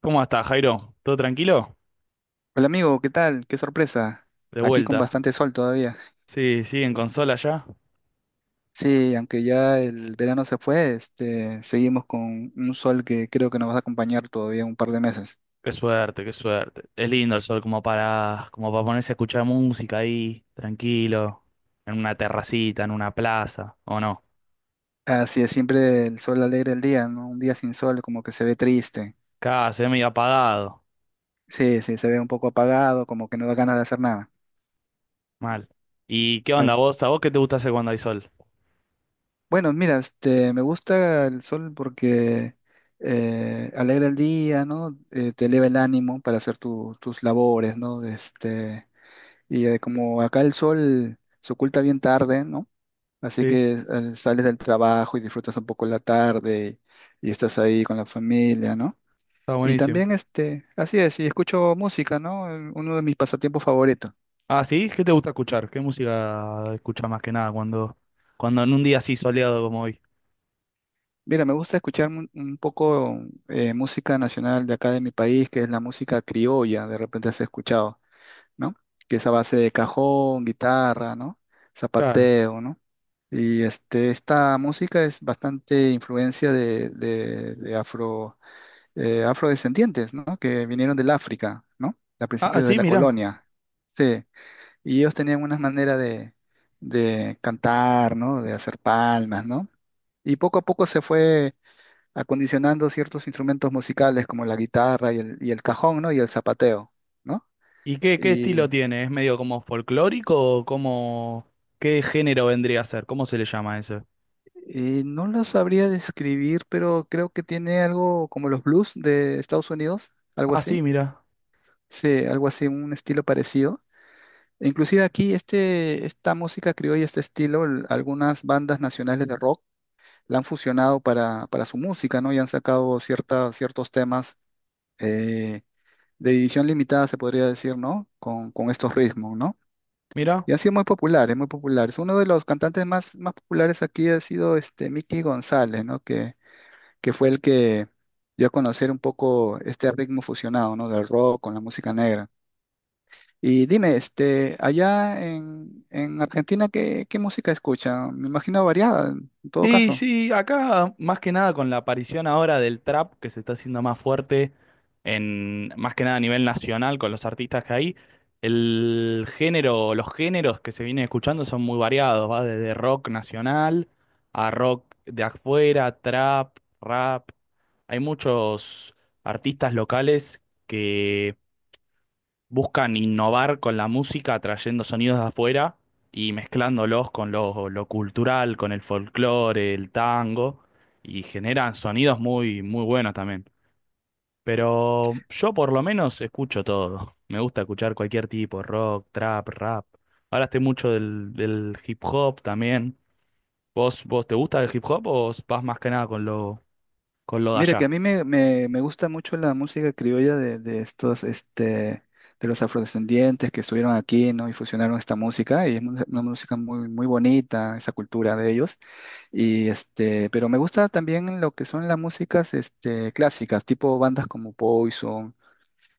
¿Cómo estás, Jairo? ¿Todo tranquilo? Hola amigo, ¿qué tal? Qué sorpresa. De Aquí con vuelta. bastante sol todavía. Sí, sí, en consola ya. Sí, aunque ya el verano se fue, seguimos con un sol que creo que nos va a acompañar todavía un par de meses. Qué suerte, qué suerte. Es lindo el sol como para ponerse a escuchar música ahí, tranquilo, en una terracita, en una plaza, ¿o no? Así es, siempre el sol alegra el día, ¿no? Un día sin sol como que se ve triste. Acá se ve medio apagado. Sí, sí, se ve un poco apagado, como que no da ganas de hacer nada. Mal. ¿Y qué onda Ah, vos? ¿A vos qué te gusta hacer cuando hay sol? bueno, mira, me gusta el sol porque alegra el día, ¿no? Te eleva el ánimo para hacer tus labores, ¿no? Y como acá el sol se oculta bien tarde, ¿no? Así Sí, que sales del trabajo y disfrutas un poco la tarde y estás ahí con la familia, ¿no? está Y buenísimo. también, así es, y escucho música, ¿no? Uno de mis pasatiempos favoritos. Ah, ¿sí? ¿Qué te gusta escuchar? ¿Qué música escuchas más que nada cuando en un día así soleado como hoy? Mira, me gusta escuchar un poco música nacional de acá de mi país, que es la música criolla, de repente has escuchado, ¿no? Que es a base de cajón, guitarra, ¿no? Claro. Zapateo, ¿no? Y esta música es bastante influencia de afro, afrodescendientes, ¿no? Que vinieron del África, ¿no? A Ah, principios de sí, la mirá. colonia. Sí. Y ellos tenían una manera de cantar, ¿no? De hacer palmas, ¿no? Y poco a poco se fue acondicionando ciertos instrumentos musicales como la guitarra y el cajón, ¿no? Y el zapateo, ¿no? ¿Y qué, qué estilo tiene? ¿Es medio como folclórico o como qué género vendría a ser? ¿Cómo se le llama eso? No lo sabría describir, pero creo que tiene algo como los blues de Estados Unidos, algo Ah, sí, así. mira, Sí, algo así, un estilo parecido. E inclusive aquí esta música criolla, este estilo, algunas bandas nacionales de rock la han fusionado para su música, ¿no? Y han sacado ciertos temas eh, de edición limitada, se podría decir, ¿no? Con estos ritmos, ¿no? mira. Y han sido muy populares, muy populares. Uno de los cantantes más, más populares aquí ha sido Mickey González, ¿no? Que fue el que dio a conocer un poco este ritmo fusionado, ¿no? Del rock con la música negra. Y dime, allá en Argentina, ¿qué música escuchan? Me imagino variada, en todo Sí, caso. sí, acá más que nada con la aparición ahora del trap que se está haciendo más fuerte en más que nada a nivel nacional con los artistas que hay, el género, los géneros que se vienen escuchando son muy variados, va desde rock nacional a rock de afuera, trap, rap. Hay muchos artistas locales que buscan innovar con la música, trayendo sonidos de afuera y mezclándolos con lo cultural, con el folclore, el tango, y generan sonidos muy, muy buenos también. Pero yo por lo menos escucho todo. Me gusta escuchar cualquier tipo, rock, trap, rap. Ahora estoy mucho del hip hop también. ¿Vos te gusta el hip hop o vas más que nada con lo de Mira, que a allá? mí me gusta mucho la música criolla de los afrodescendientes que estuvieron aquí, ¿no? Y fusionaron esta música, y es una música muy, muy bonita, esa cultura de ellos. Y pero me gusta también lo que son las músicas clásicas, tipo bandas como Poison,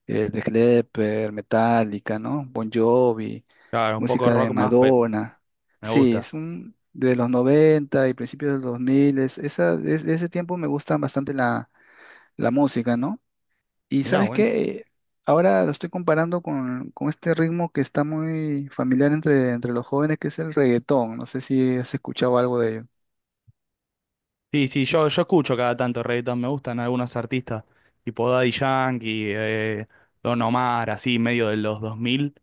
The Clepper, Metallica, ¿no? Bon Jovi, Claro, un poco música de rock más, Madonna. me Sí, gusta. es un de los 90 y principios de los 2000 de ese tiempo me gusta bastante la música, ¿no? Y Mirá, ¿sabes buenísimo. qué? Ahora lo estoy comparando con este ritmo que está muy familiar entre los jóvenes, que es el reggaetón. No sé si has escuchado algo de ello. Sí, sí, yo escucho cada tanto reggaetón, me gustan algunos artistas, tipo Daddy Yankee, Don Omar, así, medio de los 2000.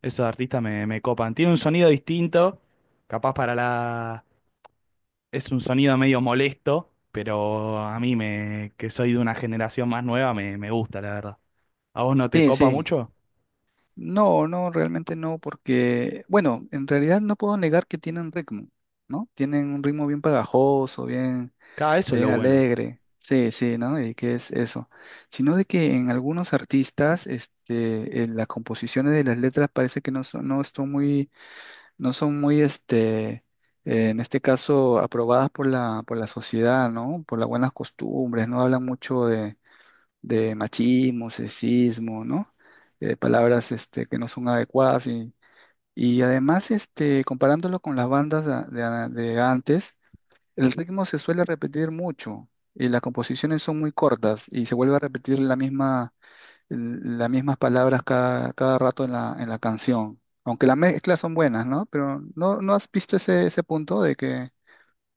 Esos artistas me, me copan. Tiene un sonido distinto, capaz para la... Es un sonido medio molesto, pero a mí, me, que soy de una generación más nueva, me gusta, la verdad. ¿A vos no te Sí, copa sí. mucho? no, no, realmente no, porque, bueno, en realidad no puedo negar que tienen ritmo, ¿no? Tienen un ritmo bien pegajoso, bien, Cada eso es bien lo bueno. alegre, sí, sí, ¿no? Y qué es eso, sino de que en algunos artistas, en las composiciones de las letras parece que no son muy, en este caso, aprobadas por la sociedad, ¿no? Por las buenas costumbres, no hablan mucho de machismo, sexismo, ¿no? Palabras que no son adecuadas y además comparándolo con las bandas de antes, el ritmo se suele repetir mucho y las composiciones son muy cortas y se vuelve a repetir las mismas palabras cada rato en la canción. Aunque las mezclas son buenas, ¿no? Pero ¿no has visto ese punto de que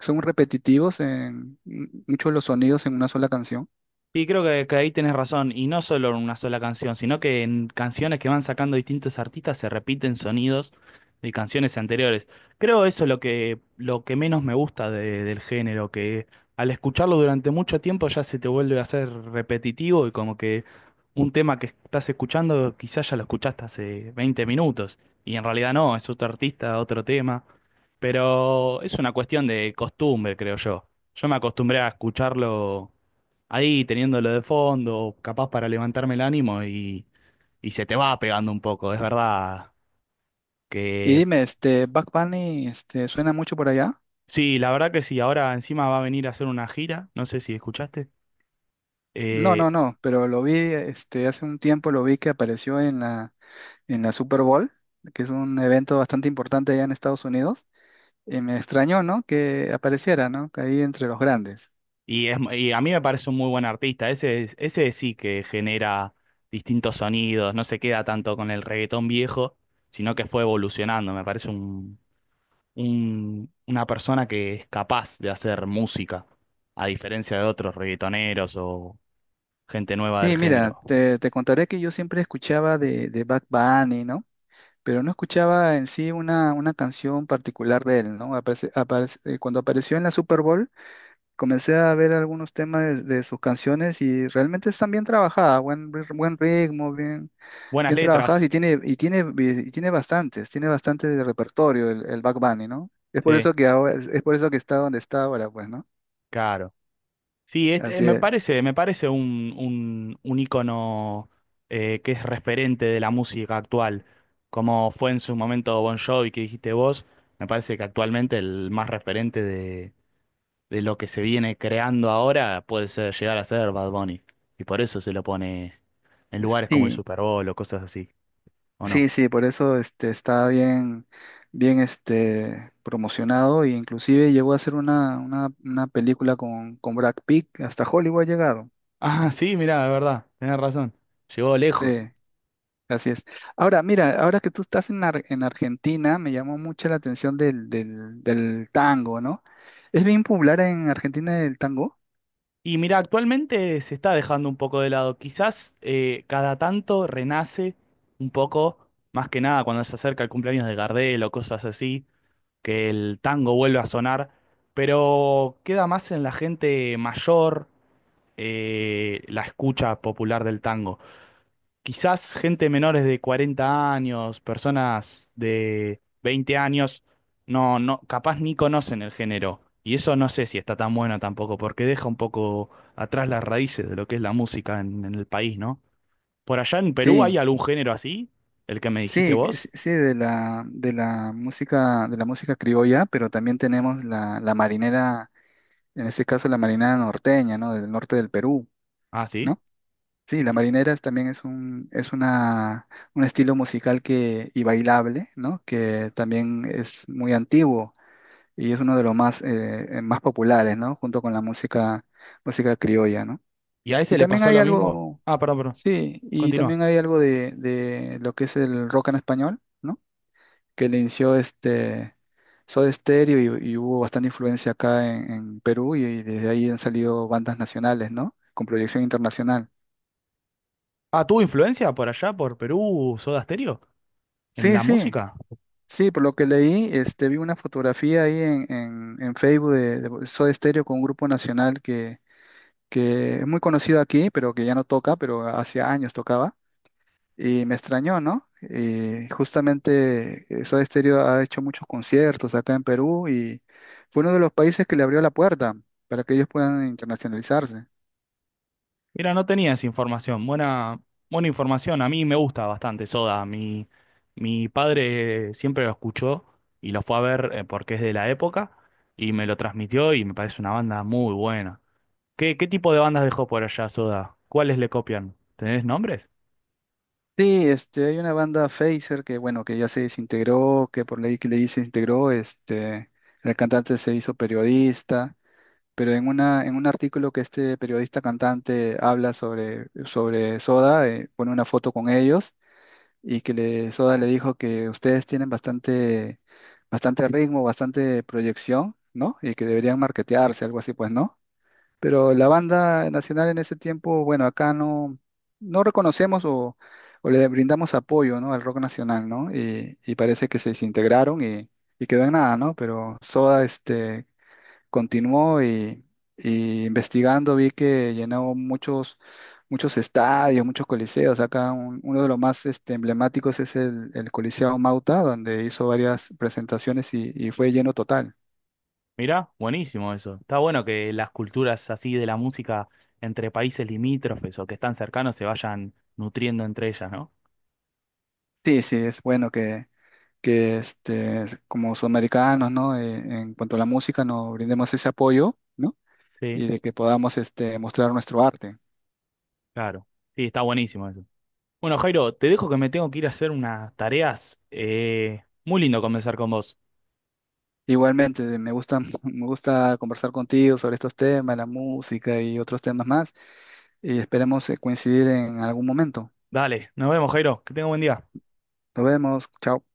son repetitivos en muchos de los sonidos en una sola canción? Sí, creo que ahí tenés razón, y no solo en una sola canción, sino que en canciones que van sacando distintos artistas se repiten sonidos de canciones anteriores. Creo eso es lo que menos me gusta del género, que al escucharlo durante mucho tiempo ya se te vuelve a hacer repetitivo y como que un tema que estás escuchando quizás ya lo escuchaste hace 20 minutos, y en realidad no, es otro artista, otro tema, pero es una cuestión de costumbre, creo yo. Yo me acostumbré a escucharlo ahí teniéndolo de fondo, capaz para levantarme el ánimo y se te va pegando un poco, es verdad Y que dime, Bad Bunny, ¿suena mucho por allá? sí, la verdad que sí, ahora encima va a venir a hacer una gira, no sé si escuchaste, No, eh, no, no, pero lo vi, hace un tiempo lo vi que apareció en la Super Bowl, que es un evento bastante importante allá en Estados Unidos, y me extrañó, ¿no? Que apareciera, ¿no? Que ahí entre los grandes. y, es, y a mí me parece un muy buen artista, ese, ese sí que genera distintos sonidos, no se queda tanto con el reggaetón viejo, sino que fue evolucionando, me parece una persona que es capaz de hacer música, a diferencia de otros reggaetoneros gente nueva del Sí, mira, género. te contaré que yo siempre escuchaba de Bad Bunny, ¿no? Pero no escuchaba en sí una canción particular de él, ¿no? Cuando apareció en la Super Bowl, comencé a ver algunos temas de sus canciones y realmente están bien trabajadas, buen ritmo, Buenas bien trabajadas letras, y tiene bastante de repertorio el Bad Bunny, ¿no? Es por sí, eso que ahora, es por eso que está donde está ahora, pues, ¿no? claro. Sí, este, Así es. Me parece un ícono que es referente de la música actual, como fue en su momento Bon Jovi que dijiste vos, me parece que actualmente el más referente de lo que se viene creando ahora puede ser, llegar a ser Bad Bunny, y por eso se lo pone en lugares como el Sí, Super Bowl o cosas así, ¿o no? sí, sí, por eso está bien, bien promocionado e inclusive llegó a hacer una película con Brad Pitt, hasta Hollywood ha llegado. Ah, sí, mirá, de verdad, tenés razón, llegó lejos. Sí. Así es. Ahora, mira, ahora que tú estás en Argentina, me llamó mucho la atención del tango, ¿no? ¿Es bien popular en Argentina el tango? Y mira, actualmente se está dejando un poco de lado. Quizás cada tanto renace un poco, más que nada cuando se acerca el cumpleaños de Gardel o cosas así, que el tango vuelve a sonar, pero queda más en la gente mayor la escucha popular del tango. Quizás gente menores de 40 años, personas de 20 años, no, no, capaz ni conocen el género. Y eso no sé si está tan bueno tampoco, porque deja un poco atrás las raíces de lo que es la música en el país, ¿no? Por allá en Perú Sí, hay algún género así, el que me dijiste sí, sí, vos. sí, de la música criolla, pero también tenemos la marinera, en este caso la marinera norteña, ¿no? Del norte del Perú, Ah, sí. ¿no? Sí, la ¿Y marinera también es un estilo musical y bailable, ¿no? Que también es muy antiguo. Y es uno de los más, más populares, ¿no? Junto con música criolla, ¿no? y a Y ese le también pasó hay lo mismo? algo. Ah, perdón, perdón. Sí, y Continúa. también hay algo de lo que es el rock en español, ¿no? Que le inició Soda Stereo y hubo bastante influencia acá en Perú y desde ahí han salido bandas nacionales, ¿no? Con proyección internacional. Ah, ¿tuvo influencia por allá, por Perú, Soda Stereo, en Sí, la sí. música? Sí, por lo que leí, vi una fotografía ahí en Facebook de Soda Stereo con un grupo nacional que es muy conocido aquí, pero que ya no toca, pero hace años tocaba, y me extrañó, ¿no? Y justamente Soda Stereo ha hecho muchos conciertos acá en Perú y fue uno de los países que le abrió la puerta para que ellos puedan internacionalizarse. Mira, no tenía esa información. Buena, buena información. A mí me gusta bastante Soda. Mi padre siempre lo escuchó y lo fue a ver porque es de la época y me lo transmitió y me parece una banda muy buena. ¿Qué, qué tipo de bandas dejó por allá Soda? ¿Cuáles le copian? ¿Tenés nombres? Sí, hay una banda Phaser que, bueno, que ya se desintegró, que por ley que le se integró, el cantante se hizo periodista, pero en en un artículo que este periodista cantante habla sobre Soda, pone una foto con ellos y que le, Soda le dijo que ustedes tienen bastante, bastante ritmo, bastante proyección, ¿no? Y que deberían marketearse, algo así, pues, ¿no? Pero la banda nacional en ese tiempo, bueno, acá no reconocemos o le brindamos apoyo, ¿no? Al rock nacional, ¿no? Y parece que se desintegraron y quedó en nada, ¿no? Pero Soda, continuó y investigando vi que llenó muchos, muchos estadios, muchos coliseos. Acá uno de los más emblemáticos es el Coliseo Mauta, donde hizo varias presentaciones y fue lleno total. Mira, buenísimo eso. Está bueno que las culturas así de la música entre países limítrofes o que están cercanos se vayan nutriendo entre ellas, ¿no? Sí, sí, es bueno que como sudamericanos, ¿no? En cuanto a la música, nos brindemos ese apoyo, ¿no? Sí, Y de que podamos mostrar nuestro arte. claro. Sí, está buenísimo eso. Bueno, Jairo, te dejo que me tengo que ir a hacer unas tareas. Muy lindo conversar con vos. Igualmente, me gusta, me gusta conversar contigo sobre estos temas, la música y otros temas más. Y esperemos coincidir en algún momento. Dale, nos vemos, Jairo. Que tenga buen día. Nos vemos, chao.